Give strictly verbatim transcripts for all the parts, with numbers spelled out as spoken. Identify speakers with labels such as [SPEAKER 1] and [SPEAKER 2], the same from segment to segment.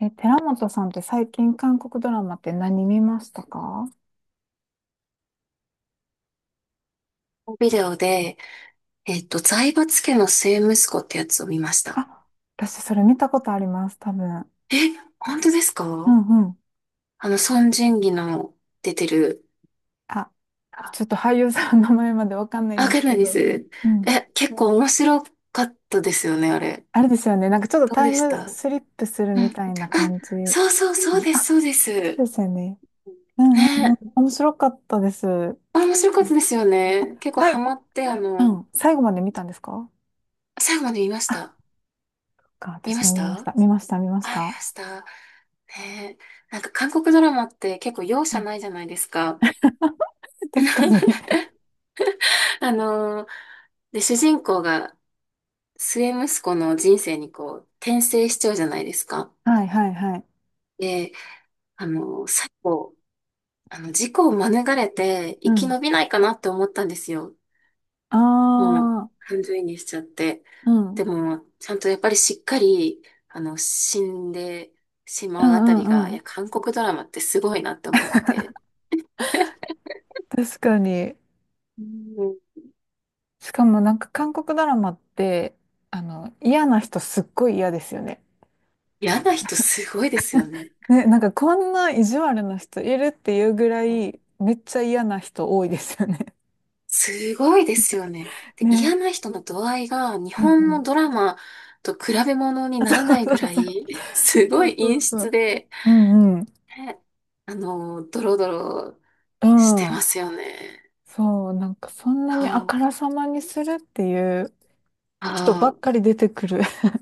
[SPEAKER 1] え、寺本さんって最近韓国ドラマって何見ましたか？
[SPEAKER 2] ビデオで、えっと、財閥家の末息子ってやつを見ました。
[SPEAKER 1] あ、私それ見たことあります、多分。
[SPEAKER 2] え、本当です
[SPEAKER 1] う
[SPEAKER 2] か？
[SPEAKER 1] んうん。
[SPEAKER 2] あの、孫仁義の出てる。
[SPEAKER 1] あ、
[SPEAKER 2] あ、
[SPEAKER 1] ちょっと俳優さんの名前までわかんないん
[SPEAKER 2] わ
[SPEAKER 1] で
[SPEAKER 2] か
[SPEAKER 1] す
[SPEAKER 2] るんな
[SPEAKER 1] け
[SPEAKER 2] いです。
[SPEAKER 1] ど。うん。
[SPEAKER 2] え、結構面白かったですよね、あれ。
[SPEAKER 1] あれですよね。なんかちょっと
[SPEAKER 2] どう
[SPEAKER 1] タイ
[SPEAKER 2] でし
[SPEAKER 1] ム
[SPEAKER 2] た？
[SPEAKER 1] スリップする
[SPEAKER 2] うん。
[SPEAKER 1] み
[SPEAKER 2] あ、
[SPEAKER 1] たいな感じ。
[SPEAKER 2] そうそう、そうです、そう
[SPEAKER 1] あ、
[SPEAKER 2] で
[SPEAKER 1] そ
[SPEAKER 2] す。
[SPEAKER 1] うですよね。うんうんうん。
[SPEAKER 2] ね、
[SPEAKER 1] 面白かったです。うん。
[SPEAKER 2] あ面白かったですよね。結構
[SPEAKER 1] は
[SPEAKER 2] ハ
[SPEAKER 1] い。
[SPEAKER 2] マって、あ
[SPEAKER 1] う
[SPEAKER 2] の、
[SPEAKER 1] ん。最後まで見たんですか？
[SPEAKER 2] 最後まで見まし
[SPEAKER 1] あ、
[SPEAKER 2] た。
[SPEAKER 1] そっか、
[SPEAKER 2] 見
[SPEAKER 1] 私
[SPEAKER 2] まし
[SPEAKER 1] も見まし
[SPEAKER 2] た？
[SPEAKER 1] た。見ました、見まし
[SPEAKER 2] あ、見ま
[SPEAKER 1] た。
[SPEAKER 2] した。ねえ、なんか韓国ドラマって結構容
[SPEAKER 1] う
[SPEAKER 2] 赦
[SPEAKER 1] ん。
[SPEAKER 2] ないじゃないですか。
[SPEAKER 1] 確かに。
[SPEAKER 2] あのーで、主人公が末息子の人生にこう、転生しちゃうじゃないですか。
[SPEAKER 1] はいはいはい。
[SPEAKER 2] で、あのー最後、あの、事故を免れて
[SPEAKER 1] う
[SPEAKER 2] 生き
[SPEAKER 1] ん。
[SPEAKER 2] 延びないかなって思ったんですよ。
[SPEAKER 1] あ
[SPEAKER 2] もう、
[SPEAKER 1] あ。
[SPEAKER 2] 感情移入しちゃって。
[SPEAKER 1] うん。う
[SPEAKER 2] で
[SPEAKER 1] ん
[SPEAKER 2] も、ちゃんとやっぱりしっかり、あの、死んでし
[SPEAKER 1] う
[SPEAKER 2] まうあたり
[SPEAKER 1] ん
[SPEAKER 2] が、い
[SPEAKER 1] うん。
[SPEAKER 2] や、韓国ドラマってすごいなって思って。
[SPEAKER 1] 確かに。
[SPEAKER 2] うん。
[SPEAKER 1] しかもなんか韓国ドラマって、あの、嫌な人すっごい嫌ですよね。
[SPEAKER 2] 嫌な人すごいですよね。
[SPEAKER 1] ね、なんかこんな意地悪な人いるっていうぐらい、めっちゃ嫌な人多いですよね。
[SPEAKER 2] すごいですよね。で、
[SPEAKER 1] ね。
[SPEAKER 2] 嫌な人の度合いが日
[SPEAKER 1] うんう
[SPEAKER 2] 本
[SPEAKER 1] ん。
[SPEAKER 2] のドラマと比べ物にならないぐ
[SPEAKER 1] あ、そう
[SPEAKER 2] らい、すごい
[SPEAKER 1] そ
[SPEAKER 2] 陰
[SPEAKER 1] うそう。そうそうそ
[SPEAKER 2] 湿
[SPEAKER 1] う。
[SPEAKER 2] で、
[SPEAKER 1] うんうん。
[SPEAKER 2] ね、あの、ドロドロ
[SPEAKER 1] う
[SPEAKER 2] してま
[SPEAKER 1] ん。
[SPEAKER 2] すよね。
[SPEAKER 1] そう、なんかそんな
[SPEAKER 2] そ
[SPEAKER 1] にあか
[SPEAKER 2] う、
[SPEAKER 1] らさまにするっていう人
[SPEAKER 2] あ
[SPEAKER 1] ばっ
[SPEAKER 2] あ、
[SPEAKER 1] かり出てくる。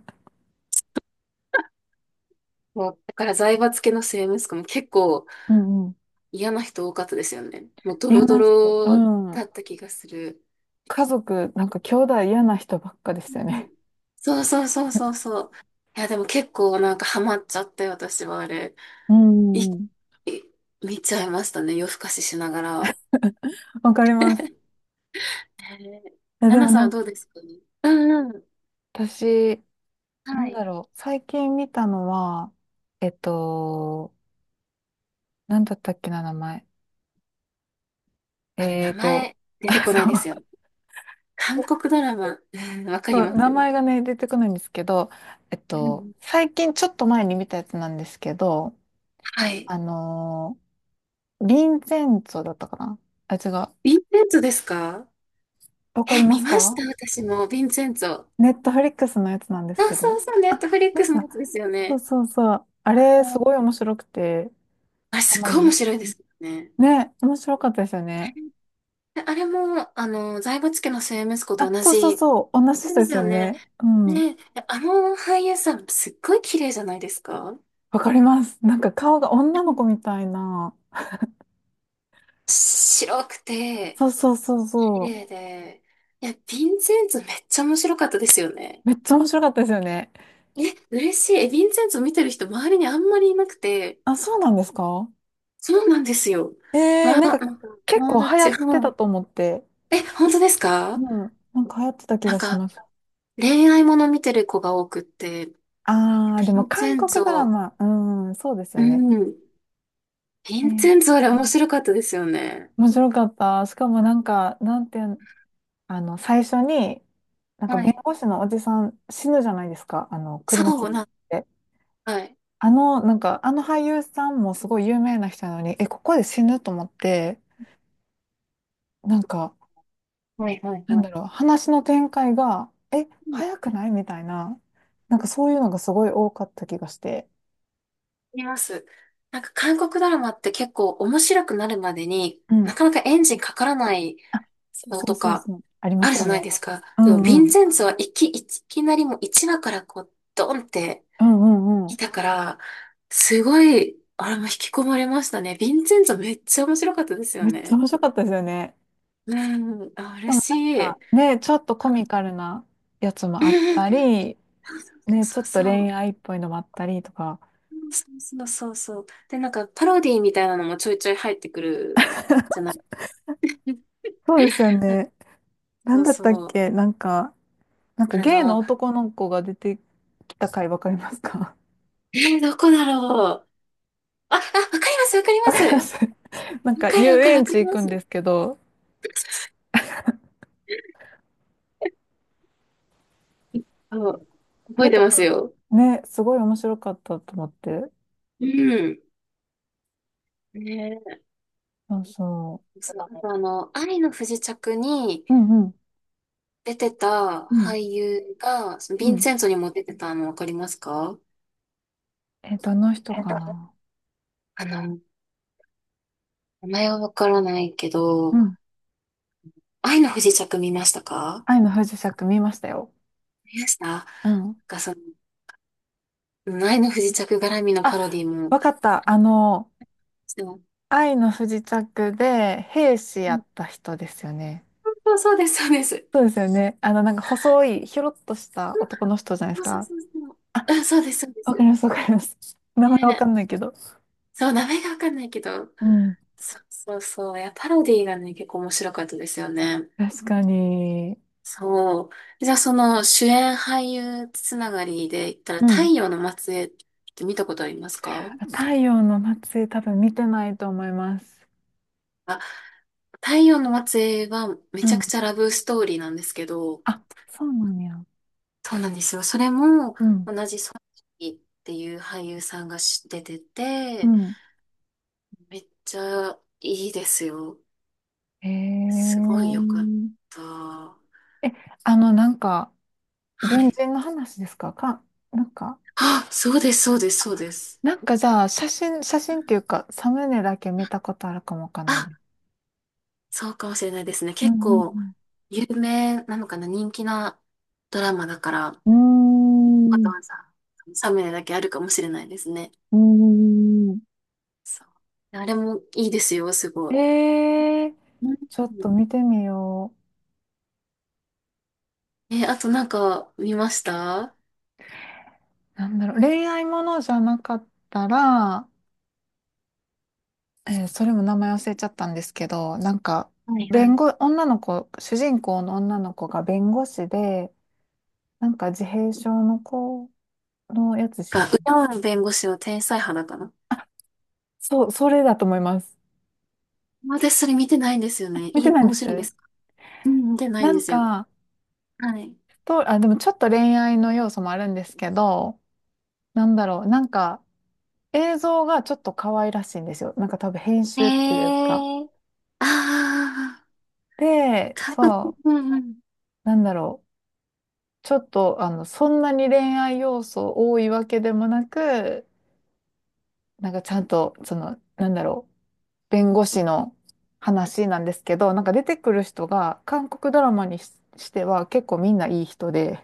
[SPEAKER 2] もう、だから財閥系の末息子も結構
[SPEAKER 1] うんうん。
[SPEAKER 2] 嫌な人多かったですよね。もうド
[SPEAKER 1] 嫌
[SPEAKER 2] ロド
[SPEAKER 1] な人。う
[SPEAKER 2] ロだ
[SPEAKER 1] ん。
[SPEAKER 2] った気がする。
[SPEAKER 1] 家族、なんか兄弟嫌な人ばっかでし
[SPEAKER 2] う
[SPEAKER 1] たよ
[SPEAKER 2] ん。
[SPEAKER 1] ね。
[SPEAKER 2] そうそうそうそうそう。いや、でも結構なんかハマっちゃって、私はあれ。
[SPEAKER 1] う
[SPEAKER 2] い、
[SPEAKER 1] ん。
[SPEAKER 2] い見ちゃいましたね。夜更かししながら。
[SPEAKER 1] わかります。いや、
[SPEAKER 2] ナ
[SPEAKER 1] で
[SPEAKER 2] ナ
[SPEAKER 1] も
[SPEAKER 2] さん
[SPEAKER 1] な
[SPEAKER 2] は
[SPEAKER 1] んか、
[SPEAKER 2] どうですか？うんうん。
[SPEAKER 1] 私、な
[SPEAKER 2] は
[SPEAKER 1] ん
[SPEAKER 2] い。
[SPEAKER 1] だろう。最近見たのは、えっと、なんだったっけな、名前。
[SPEAKER 2] あれ、
[SPEAKER 1] え
[SPEAKER 2] 名
[SPEAKER 1] っと、
[SPEAKER 2] 前 出てこないです
[SPEAKER 1] あ、
[SPEAKER 2] よ。
[SPEAKER 1] そ
[SPEAKER 2] 韓
[SPEAKER 1] う。
[SPEAKER 2] 国ドラマ。うん、わ かり
[SPEAKER 1] そう、
[SPEAKER 2] ます
[SPEAKER 1] 名
[SPEAKER 2] よ。
[SPEAKER 1] 前がね、出てこないんですけど、えっ
[SPEAKER 2] う
[SPEAKER 1] と、
[SPEAKER 2] ん。
[SPEAKER 1] 最近ちょっと前に見たやつなんですけど、
[SPEAKER 2] はい。
[SPEAKER 1] あのー、リンゼンツォだったかな。あ、違う。
[SPEAKER 2] ヴィンセンツォですか？
[SPEAKER 1] わか
[SPEAKER 2] え、
[SPEAKER 1] りま
[SPEAKER 2] 見
[SPEAKER 1] す
[SPEAKER 2] まし
[SPEAKER 1] か？
[SPEAKER 2] た私も、ヴィンセンツォ。あ、
[SPEAKER 1] ネットフリックスのやつなんですけ
[SPEAKER 2] そ
[SPEAKER 1] ど。
[SPEAKER 2] うそう、ネットフ
[SPEAKER 1] あ、
[SPEAKER 2] リッ
[SPEAKER 1] で
[SPEAKER 2] ク
[SPEAKER 1] し
[SPEAKER 2] スの
[SPEAKER 1] た。
[SPEAKER 2] やつですよ
[SPEAKER 1] そう
[SPEAKER 2] ね。
[SPEAKER 1] そうそう。あれ、
[SPEAKER 2] う
[SPEAKER 1] す
[SPEAKER 2] ん。
[SPEAKER 1] ごい面白くて、
[SPEAKER 2] あれ、
[SPEAKER 1] ハ
[SPEAKER 2] すっ
[SPEAKER 1] マり
[SPEAKER 2] ごい
[SPEAKER 1] ま
[SPEAKER 2] 面
[SPEAKER 1] す。
[SPEAKER 2] 白いですよね。
[SPEAKER 1] ね、面白かったですよね。
[SPEAKER 2] であれも、あの、財閥家の末息子と
[SPEAKER 1] あ、
[SPEAKER 2] 同
[SPEAKER 1] そうそう
[SPEAKER 2] じ。
[SPEAKER 1] そう、同じ人
[SPEAKER 2] で
[SPEAKER 1] で
[SPEAKER 2] す
[SPEAKER 1] すよ
[SPEAKER 2] よね。
[SPEAKER 1] ね。うん。
[SPEAKER 2] ねえ、あの俳優さん、すっごい綺麗じゃないですか？
[SPEAKER 1] わかります。なんか顔が女の子みたいな。
[SPEAKER 2] 白くて、
[SPEAKER 1] そうそうそう
[SPEAKER 2] 綺
[SPEAKER 1] そう。
[SPEAKER 2] 麗で。いや、ヴィンセンツめっちゃ面白かったですよね。
[SPEAKER 1] めっちゃ面白かったですよね。
[SPEAKER 2] え、嬉しい。え、ヴィンセンツ見てる人周りにあんまりいなくて。
[SPEAKER 1] あ、そうなんですか？
[SPEAKER 2] そうなんですよ。
[SPEAKER 1] えー、
[SPEAKER 2] まあ、
[SPEAKER 1] なんか
[SPEAKER 2] なんか
[SPEAKER 1] 結
[SPEAKER 2] 友
[SPEAKER 1] 構流行
[SPEAKER 2] 達、
[SPEAKER 1] って
[SPEAKER 2] う
[SPEAKER 1] た
[SPEAKER 2] ん。
[SPEAKER 1] と思って。
[SPEAKER 2] え、本当です
[SPEAKER 1] う
[SPEAKER 2] か？
[SPEAKER 1] ん。なんか流行ってた気
[SPEAKER 2] な
[SPEAKER 1] が
[SPEAKER 2] ん
[SPEAKER 1] し
[SPEAKER 2] か、
[SPEAKER 1] ます。
[SPEAKER 2] 恋愛もの見てる子が多くって、ヴ
[SPEAKER 1] あー、で
[SPEAKER 2] ィ
[SPEAKER 1] も
[SPEAKER 2] ンセ
[SPEAKER 1] 韓
[SPEAKER 2] ンツ
[SPEAKER 1] 国ドラ
[SPEAKER 2] ォ、
[SPEAKER 1] マ、うん、そうです
[SPEAKER 2] う
[SPEAKER 1] よね。
[SPEAKER 2] ん。ヴ
[SPEAKER 1] え
[SPEAKER 2] ィンセ
[SPEAKER 1] ー、
[SPEAKER 2] ンツォあれ面白かったですよね。
[SPEAKER 1] 面白かった。しかもなんか、なんて、あの、最初に、なんか
[SPEAKER 2] は
[SPEAKER 1] 弁
[SPEAKER 2] い。
[SPEAKER 1] 護士のおじさん死ぬじゃないですか。あの、車
[SPEAKER 2] そ
[SPEAKER 1] 突っ
[SPEAKER 2] うなん、
[SPEAKER 1] 込んで。
[SPEAKER 2] はい。
[SPEAKER 1] あの、なんか、あの俳優さんもすごい有名な人なのに、え、ここで死ぬと思って、なんか、
[SPEAKER 2] はいはい
[SPEAKER 1] なん
[SPEAKER 2] は
[SPEAKER 1] だ
[SPEAKER 2] い。
[SPEAKER 1] ろう、話の展開が、え、
[SPEAKER 2] う
[SPEAKER 1] 早くないみたいな、なんか
[SPEAKER 2] ん。
[SPEAKER 1] そういうのがすごい多かった気がして。
[SPEAKER 2] います。なんか韓国ドラマって結構面白くなるまでに
[SPEAKER 1] う
[SPEAKER 2] な
[SPEAKER 1] ん。
[SPEAKER 2] かなかエンジンかからない
[SPEAKER 1] あ、そう
[SPEAKER 2] の
[SPEAKER 1] そう
[SPEAKER 2] と
[SPEAKER 1] そう
[SPEAKER 2] か
[SPEAKER 1] そう。ありま
[SPEAKER 2] あ
[SPEAKER 1] す
[SPEAKER 2] るじ
[SPEAKER 1] よ
[SPEAKER 2] ゃない
[SPEAKER 1] ね。
[SPEAKER 2] ですか。
[SPEAKER 1] う
[SPEAKER 2] でもヴ
[SPEAKER 1] ん
[SPEAKER 2] ィ
[SPEAKER 1] う
[SPEAKER 2] ン
[SPEAKER 1] ん。
[SPEAKER 2] センツはいき、いきなりもういちわからこうドンって
[SPEAKER 1] うんうんう
[SPEAKER 2] 来
[SPEAKER 1] ん。
[SPEAKER 2] たから、すごい、あれも引き込まれましたね。ヴィンセンツめっちゃ面白かったですよ
[SPEAKER 1] めっちゃ
[SPEAKER 2] ね。
[SPEAKER 1] 面白かったですよね。
[SPEAKER 2] うん、あ、
[SPEAKER 1] で
[SPEAKER 2] 嬉
[SPEAKER 1] も
[SPEAKER 2] し
[SPEAKER 1] なん
[SPEAKER 2] い。
[SPEAKER 1] か、ね、ちょっとコ
[SPEAKER 2] は
[SPEAKER 1] ミ
[SPEAKER 2] い。
[SPEAKER 1] カルなやつ
[SPEAKER 2] う
[SPEAKER 1] もあった
[SPEAKER 2] ん。
[SPEAKER 1] り、ね、ちょ
[SPEAKER 2] そう
[SPEAKER 1] っと
[SPEAKER 2] そ
[SPEAKER 1] 恋
[SPEAKER 2] う。
[SPEAKER 1] 愛っぽいのもあったりとか、
[SPEAKER 2] そうそうそうそう。で、なんかパロディみたいなのもちょいちょい入ってくるじゃない。
[SPEAKER 1] そうですよね。な
[SPEAKER 2] そ
[SPEAKER 1] ん
[SPEAKER 2] う
[SPEAKER 1] だったっ
[SPEAKER 2] そう。
[SPEAKER 1] けなんか、なんか
[SPEAKER 2] あ
[SPEAKER 1] ゲイの
[SPEAKER 2] の、
[SPEAKER 1] 男の子が出てきた回わかりますか？
[SPEAKER 2] えーどこだろう。あ、あ、わかります、わかり
[SPEAKER 1] わ
[SPEAKER 2] ま
[SPEAKER 1] か
[SPEAKER 2] す。
[SPEAKER 1] ります。
[SPEAKER 2] わ
[SPEAKER 1] なんか
[SPEAKER 2] かる、わ
[SPEAKER 1] 遊
[SPEAKER 2] かる、わ
[SPEAKER 1] 園
[SPEAKER 2] か
[SPEAKER 1] 地
[SPEAKER 2] り
[SPEAKER 1] 行
[SPEAKER 2] ま
[SPEAKER 1] くん
[SPEAKER 2] す。
[SPEAKER 1] ですけど、
[SPEAKER 2] そう、
[SPEAKER 1] あ
[SPEAKER 2] 覚え
[SPEAKER 1] れ
[SPEAKER 2] て
[SPEAKER 1] と
[SPEAKER 2] ます
[SPEAKER 1] か、
[SPEAKER 2] よ。
[SPEAKER 1] ね、すごい面白かったと思って。
[SPEAKER 2] うん。ね
[SPEAKER 1] そうそ
[SPEAKER 2] え、そう、あとあの、愛の不時着に
[SPEAKER 1] う。うんうん。
[SPEAKER 2] 出てた
[SPEAKER 1] うん。
[SPEAKER 2] 俳優が、その
[SPEAKER 1] う
[SPEAKER 2] ヴィン
[SPEAKER 1] ん。
[SPEAKER 2] セントにも出てたのわかりますか？
[SPEAKER 1] えっと、どの人か
[SPEAKER 2] あ
[SPEAKER 1] な。
[SPEAKER 2] の、名前はわからないけ
[SPEAKER 1] う
[SPEAKER 2] ど、
[SPEAKER 1] ん。
[SPEAKER 2] 愛の不時着見ましたか？
[SPEAKER 1] 愛の不時着見ましたよ。
[SPEAKER 2] 見ましたなん
[SPEAKER 1] うん。
[SPEAKER 2] かその、愛の不時着絡みの
[SPEAKER 1] あ、
[SPEAKER 2] パロディも
[SPEAKER 1] わかった。あの、
[SPEAKER 2] してます。
[SPEAKER 1] 愛の不時着で兵士
[SPEAKER 2] う
[SPEAKER 1] や
[SPEAKER 2] ん。
[SPEAKER 1] った人ですよね。
[SPEAKER 2] そうそうです、そうです。
[SPEAKER 1] そうですよね。あの、なんか細い、ひょろっとした男の人じゃないで
[SPEAKER 2] そ
[SPEAKER 1] す
[SPEAKER 2] うそう
[SPEAKER 1] か。
[SPEAKER 2] そうそう。あ、
[SPEAKER 1] あ、
[SPEAKER 2] そうです、そうで
[SPEAKER 1] わかり
[SPEAKER 2] す。
[SPEAKER 1] ます、わかります。名前わか
[SPEAKER 2] ね。
[SPEAKER 1] んないけど。
[SPEAKER 2] そう、名前がわかんないけど。
[SPEAKER 1] うん。
[SPEAKER 2] そうそうそう。いや、パロディーがね、結構面白かったですよね。
[SPEAKER 1] 確かに。
[SPEAKER 2] そう。じゃあ、その主演俳優つながりで言ったら、
[SPEAKER 1] う
[SPEAKER 2] 太
[SPEAKER 1] ん。
[SPEAKER 2] 陽の末裔って見たことありますか？
[SPEAKER 1] 太陽の末裔多分見てないと思います。
[SPEAKER 2] あ、太陽の末裔はめ
[SPEAKER 1] う
[SPEAKER 2] ちゃく
[SPEAKER 1] ん。
[SPEAKER 2] ちゃラブストーリーなんですけど、
[SPEAKER 1] あ、そうなんや。
[SPEAKER 2] そうなんですよ。それも
[SPEAKER 1] うん。
[SPEAKER 2] 同じソン・イっていう俳優さんがし出て
[SPEAKER 1] う
[SPEAKER 2] て、
[SPEAKER 1] ん。
[SPEAKER 2] めっちゃいいですよ。
[SPEAKER 1] へ
[SPEAKER 2] すごいよかった。は
[SPEAKER 1] え。え、あの、なんか、軍
[SPEAKER 2] い。
[SPEAKER 1] 人の話ですかか、なんか、
[SPEAKER 2] あ、そうです、そうです、そうです。
[SPEAKER 1] なんかじゃあ、写真、写真っていうか、サムネだけ見たことあるかもわかんない
[SPEAKER 2] あ、
[SPEAKER 1] です。
[SPEAKER 2] そうかもしれないですね。
[SPEAKER 1] う
[SPEAKER 2] 結
[SPEAKER 1] んう
[SPEAKER 2] 構、
[SPEAKER 1] ん
[SPEAKER 2] 有名なのかな、人気なドラマだから、
[SPEAKER 1] うん。
[SPEAKER 2] わ
[SPEAKER 1] うー
[SPEAKER 2] ざ
[SPEAKER 1] ん。
[SPEAKER 2] わざサムネだけあるかもしれないですね。
[SPEAKER 1] うーん。
[SPEAKER 2] そう。あれもいいですよ、す
[SPEAKER 1] え
[SPEAKER 2] ごい。
[SPEAKER 1] ー、
[SPEAKER 2] うん。
[SPEAKER 1] ちょっと見てみよ
[SPEAKER 2] え、あとなんか見ました？
[SPEAKER 1] う。なんだろう、恋愛ものじゃなかったら、えー、それも名前忘れちゃったんですけど、なんか、
[SPEAKER 2] はいは
[SPEAKER 1] 弁
[SPEAKER 2] い。
[SPEAKER 1] 護、女の子、主人公の女の子が弁護士で、なんか自閉症の子のやつ
[SPEAKER 2] あ、
[SPEAKER 1] し、
[SPEAKER 2] ウヤン弁護士の天才肌かな。
[SPEAKER 1] そう、それだと思います。
[SPEAKER 2] 私それ見てないんですよね。
[SPEAKER 1] 見て
[SPEAKER 2] いい、
[SPEAKER 1] ないん
[SPEAKER 2] 面
[SPEAKER 1] で
[SPEAKER 2] 白いで
[SPEAKER 1] す。
[SPEAKER 2] すか？うん、見てない
[SPEAKER 1] な
[SPEAKER 2] んで
[SPEAKER 1] ん
[SPEAKER 2] すよ。
[SPEAKER 1] か、
[SPEAKER 2] はい。
[SPEAKER 1] と、あ、でもちょっと恋愛の要素もあるんですけど、なんだろう、なんか、映像がちょっと可愛らしいんですよ。なんか多分編集ってい
[SPEAKER 2] へ
[SPEAKER 1] うか。
[SPEAKER 2] え。ああ、
[SPEAKER 1] で、
[SPEAKER 2] か、
[SPEAKER 1] そ
[SPEAKER 2] うんうん。
[SPEAKER 1] う、なんだろう。ちょっと、あの、そんなに恋愛要素多いわけでもなく、なんかちゃんと、その、なんだろう。弁護士の話なんですけど、なんか出てくる人が、韓国ドラマにし、しては結構みんないい人で、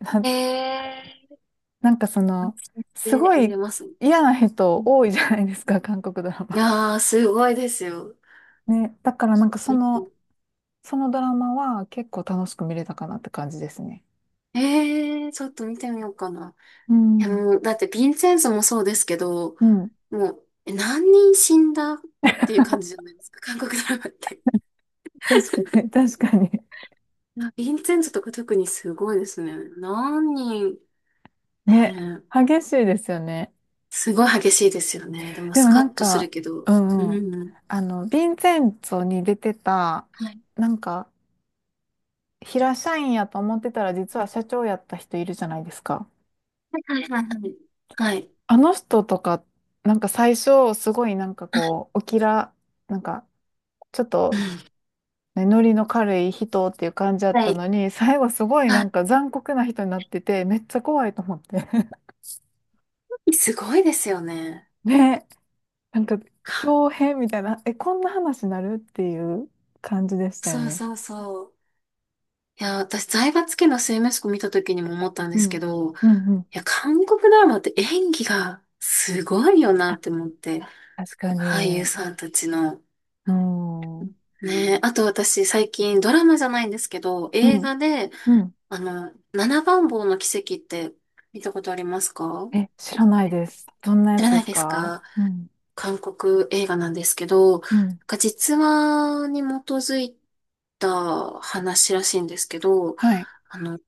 [SPEAKER 1] な、
[SPEAKER 2] ええー、
[SPEAKER 1] なんかそ
[SPEAKER 2] 安
[SPEAKER 1] の、
[SPEAKER 2] 心し
[SPEAKER 1] す
[SPEAKER 2] て
[SPEAKER 1] ご
[SPEAKER 2] 見
[SPEAKER 1] い
[SPEAKER 2] れますもん。
[SPEAKER 1] 嫌な
[SPEAKER 2] う
[SPEAKER 1] 人
[SPEAKER 2] ん。
[SPEAKER 1] 多いじゃないですか、韓国ドラ
[SPEAKER 2] い
[SPEAKER 1] マ。
[SPEAKER 2] やー、すごいですよ。
[SPEAKER 1] ね、だからなんかそ
[SPEAKER 2] うん。
[SPEAKER 1] の、そのドラマは結構楽しく見れたかなって感じですね。
[SPEAKER 2] ええー、ちょっと見てみようかな。
[SPEAKER 1] う
[SPEAKER 2] いや、
[SPEAKER 1] ん。
[SPEAKER 2] もう、だってヴィンセンスもそうですけど、
[SPEAKER 1] うん。
[SPEAKER 2] もう、え何人死んだっていう感じじゃないですか、韓国ドラマって。
[SPEAKER 1] 確かに、確かに。
[SPEAKER 2] いやヴィンセンスとか特にすごいですね。何人、ね
[SPEAKER 1] ね。
[SPEAKER 2] え
[SPEAKER 1] 激しいですよね。
[SPEAKER 2] すごい激しいですよね。でも、
[SPEAKER 1] で
[SPEAKER 2] ス
[SPEAKER 1] も
[SPEAKER 2] カ
[SPEAKER 1] な
[SPEAKER 2] ッ
[SPEAKER 1] ん
[SPEAKER 2] とする
[SPEAKER 1] か、
[SPEAKER 2] けど。
[SPEAKER 1] う
[SPEAKER 2] う
[SPEAKER 1] んうん。
[SPEAKER 2] ん。
[SPEAKER 1] あの、ヴィンセンツォに出てた、
[SPEAKER 2] はい。
[SPEAKER 1] なんか、平社員やと思ってたら実は社長やった人いるじゃないですか。
[SPEAKER 2] はいはいはいはい。はい。
[SPEAKER 1] あの人とか、なんか最初、すごいなんかこう、おきら、なんか、ちょっ
[SPEAKER 2] う
[SPEAKER 1] と
[SPEAKER 2] ん。
[SPEAKER 1] ねノリの軽い人っていう感じだっ
[SPEAKER 2] は
[SPEAKER 1] た
[SPEAKER 2] い。
[SPEAKER 1] のに、最後すごいなん
[SPEAKER 2] あ、
[SPEAKER 1] か残酷な人になってて、めっちゃ怖いと思って。
[SPEAKER 2] すごいですよね。
[SPEAKER 1] ね、なんか、
[SPEAKER 2] か、
[SPEAKER 1] 豹変みたいな、え、こんな話になるっていう感じでしたよ
[SPEAKER 2] そう
[SPEAKER 1] ね。
[SPEAKER 2] そうそう。いや、私、財閥家の末息子見た時にも思ったんで
[SPEAKER 1] う
[SPEAKER 2] すけ
[SPEAKER 1] ん。
[SPEAKER 2] ど、い
[SPEAKER 1] うんうん。
[SPEAKER 2] や、韓国ドラマって演技がすごいよな
[SPEAKER 1] あ、
[SPEAKER 2] って思って、
[SPEAKER 1] 確か
[SPEAKER 2] 俳優
[SPEAKER 1] に。
[SPEAKER 2] さんたちの。
[SPEAKER 1] うん。うん。
[SPEAKER 2] ねえ、あと私、最近ドラマじゃないんですけど、映画で、
[SPEAKER 1] うん。
[SPEAKER 2] あの、七番坊の奇跡って見たことありますか？
[SPEAKER 1] え、知らないです。どんなや
[SPEAKER 2] 知
[SPEAKER 1] つ
[SPEAKER 2] ら
[SPEAKER 1] で
[SPEAKER 2] ない
[SPEAKER 1] す
[SPEAKER 2] です
[SPEAKER 1] か？
[SPEAKER 2] か？
[SPEAKER 1] うん。
[SPEAKER 2] 韓国映画なんですけど、なん
[SPEAKER 1] うん。
[SPEAKER 2] か実話に基づいた話らしいんですけど、
[SPEAKER 1] はい。
[SPEAKER 2] あの、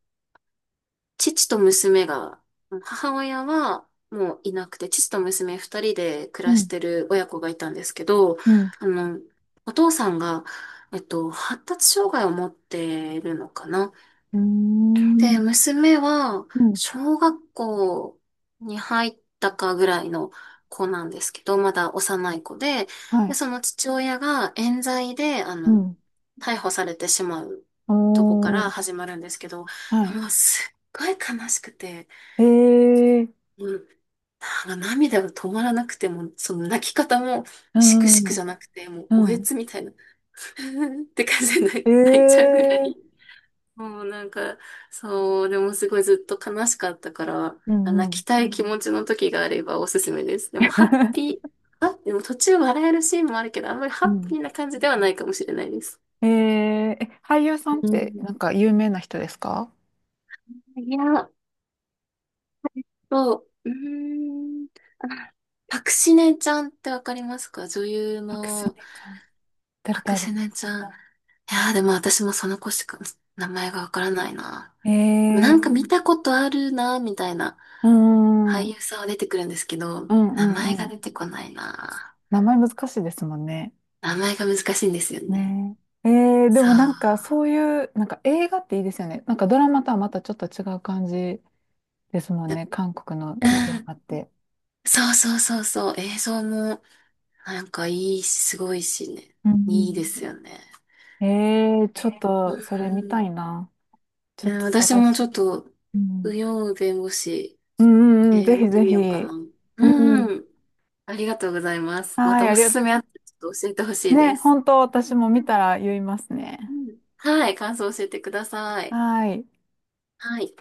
[SPEAKER 2] 父と娘が、母親はもういなくて、父と娘二人で暮
[SPEAKER 1] う
[SPEAKER 2] らし
[SPEAKER 1] ん。
[SPEAKER 2] てる親子がいたんですけど、
[SPEAKER 1] うん。
[SPEAKER 2] あの、お父さんが、えっと、発達障害を持ってるのかな。
[SPEAKER 1] うーん。
[SPEAKER 2] で、娘は、
[SPEAKER 1] うん。
[SPEAKER 2] 小学校に入ったかぐらいの子なんですけど、まだ幼い子で、
[SPEAKER 1] は
[SPEAKER 2] で、
[SPEAKER 1] い。
[SPEAKER 2] その父親が冤罪で、あ
[SPEAKER 1] う
[SPEAKER 2] の、
[SPEAKER 1] ん。
[SPEAKER 2] 逮捕されてしまうとこか
[SPEAKER 1] おー。
[SPEAKER 2] ら始まるんですけど、
[SPEAKER 1] はい。
[SPEAKER 2] もうすっごい悲しくて、
[SPEAKER 1] えー。
[SPEAKER 2] もう、なんか涙が止まらなくて、もうその泣き方も
[SPEAKER 1] う
[SPEAKER 2] しくしくじ
[SPEAKER 1] ん。
[SPEAKER 2] ゃなくて、もう
[SPEAKER 1] う
[SPEAKER 2] おえ
[SPEAKER 1] ん。
[SPEAKER 2] つみたいな って感じで泣い
[SPEAKER 1] え
[SPEAKER 2] 泣いちゃうぐら
[SPEAKER 1] え。
[SPEAKER 2] い、もうなんか、そう、でもすごいずっと悲しかったから、
[SPEAKER 1] う
[SPEAKER 2] 泣
[SPEAKER 1] んう
[SPEAKER 2] き
[SPEAKER 1] ん。
[SPEAKER 2] たい気持ちの時があればおすすめです。でもハッピ ー、あ、でも途中笑えるシーンもあるけど、あんまりハ
[SPEAKER 1] う
[SPEAKER 2] ッ
[SPEAKER 1] ん。
[SPEAKER 2] ピーな感じではないかもしれないです。
[SPEAKER 1] ええ、え、俳優さんっ
[SPEAKER 2] う
[SPEAKER 1] て
[SPEAKER 2] ん。
[SPEAKER 1] なんか有名な人ですか？
[SPEAKER 2] いや、そう、うーん、パクシネちゃんってわかりますか？女優
[SPEAKER 1] アクシ
[SPEAKER 2] の
[SPEAKER 1] ネちゃん。誰
[SPEAKER 2] パク
[SPEAKER 1] だ
[SPEAKER 2] シ
[SPEAKER 1] ろ
[SPEAKER 2] ネちゃん。いやー、でも私もその子しか名前がわからないな。な
[SPEAKER 1] う。
[SPEAKER 2] んか見
[SPEAKER 1] ええ、
[SPEAKER 2] たことあるな、みたいな。
[SPEAKER 1] うん、う
[SPEAKER 2] 俳
[SPEAKER 1] ん、
[SPEAKER 2] 優さんは出てくるんですけど、
[SPEAKER 1] う
[SPEAKER 2] 名前
[SPEAKER 1] ん、う
[SPEAKER 2] が
[SPEAKER 1] ん。
[SPEAKER 2] 出てこないな。
[SPEAKER 1] 名前難しいですもんね。
[SPEAKER 2] 名前が難しいんですよね。
[SPEAKER 1] ねえ。ええ、で
[SPEAKER 2] そう。
[SPEAKER 1] もなんかそういう、なんか映画っていいですよね。なんかドラマとはまたちょっと違う感じですもんね。韓国の
[SPEAKER 2] う
[SPEAKER 1] 映画
[SPEAKER 2] ん。
[SPEAKER 1] って。
[SPEAKER 2] そうそうそうそう。映像も、なんかいいし、すごいしね。
[SPEAKER 1] うんう
[SPEAKER 2] い
[SPEAKER 1] ん。
[SPEAKER 2] いですよね。
[SPEAKER 1] ええ、ちょっ
[SPEAKER 2] う
[SPEAKER 1] とそれ見たい
[SPEAKER 2] ん。
[SPEAKER 1] な。ちょ
[SPEAKER 2] う
[SPEAKER 1] っ
[SPEAKER 2] ん
[SPEAKER 1] と
[SPEAKER 2] 私
[SPEAKER 1] 探
[SPEAKER 2] も
[SPEAKER 1] し、
[SPEAKER 2] ちょっと、
[SPEAKER 1] う
[SPEAKER 2] 右
[SPEAKER 1] ん
[SPEAKER 2] 陽弁護士、
[SPEAKER 1] うんうん、
[SPEAKER 2] え
[SPEAKER 1] うん、ぜ
[SPEAKER 2] ー
[SPEAKER 1] ひ
[SPEAKER 2] 見て
[SPEAKER 1] ぜ
[SPEAKER 2] み
[SPEAKER 1] ひ。
[SPEAKER 2] ようかな。う
[SPEAKER 1] う
[SPEAKER 2] ん
[SPEAKER 1] ん。
[SPEAKER 2] うん。ありがとうございます。ま
[SPEAKER 1] は
[SPEAKER 2] た
[SPEAKER 1] い、あ
[SPEAKER 2] お
[SPEAKER 1] り
[SPEAKER 2] す
[SPEAKER 1] が
[SPEAKER 2] す
[SPEAKER 1] と
[SPEAKER 2] めあったらちょっと教えてほし
[SPEAKER 1] う。
[SPEAKER 2] いで
[SPEAKER 1] ね、
[SPEAKER 2] す。
[SPEAKER 1] 本当私も見たら言いますね。
[SPEAKER 2] うんうん、はい、感想教えてください。
[SPEAKER 1] はい。
[SPEAKER 2] はい。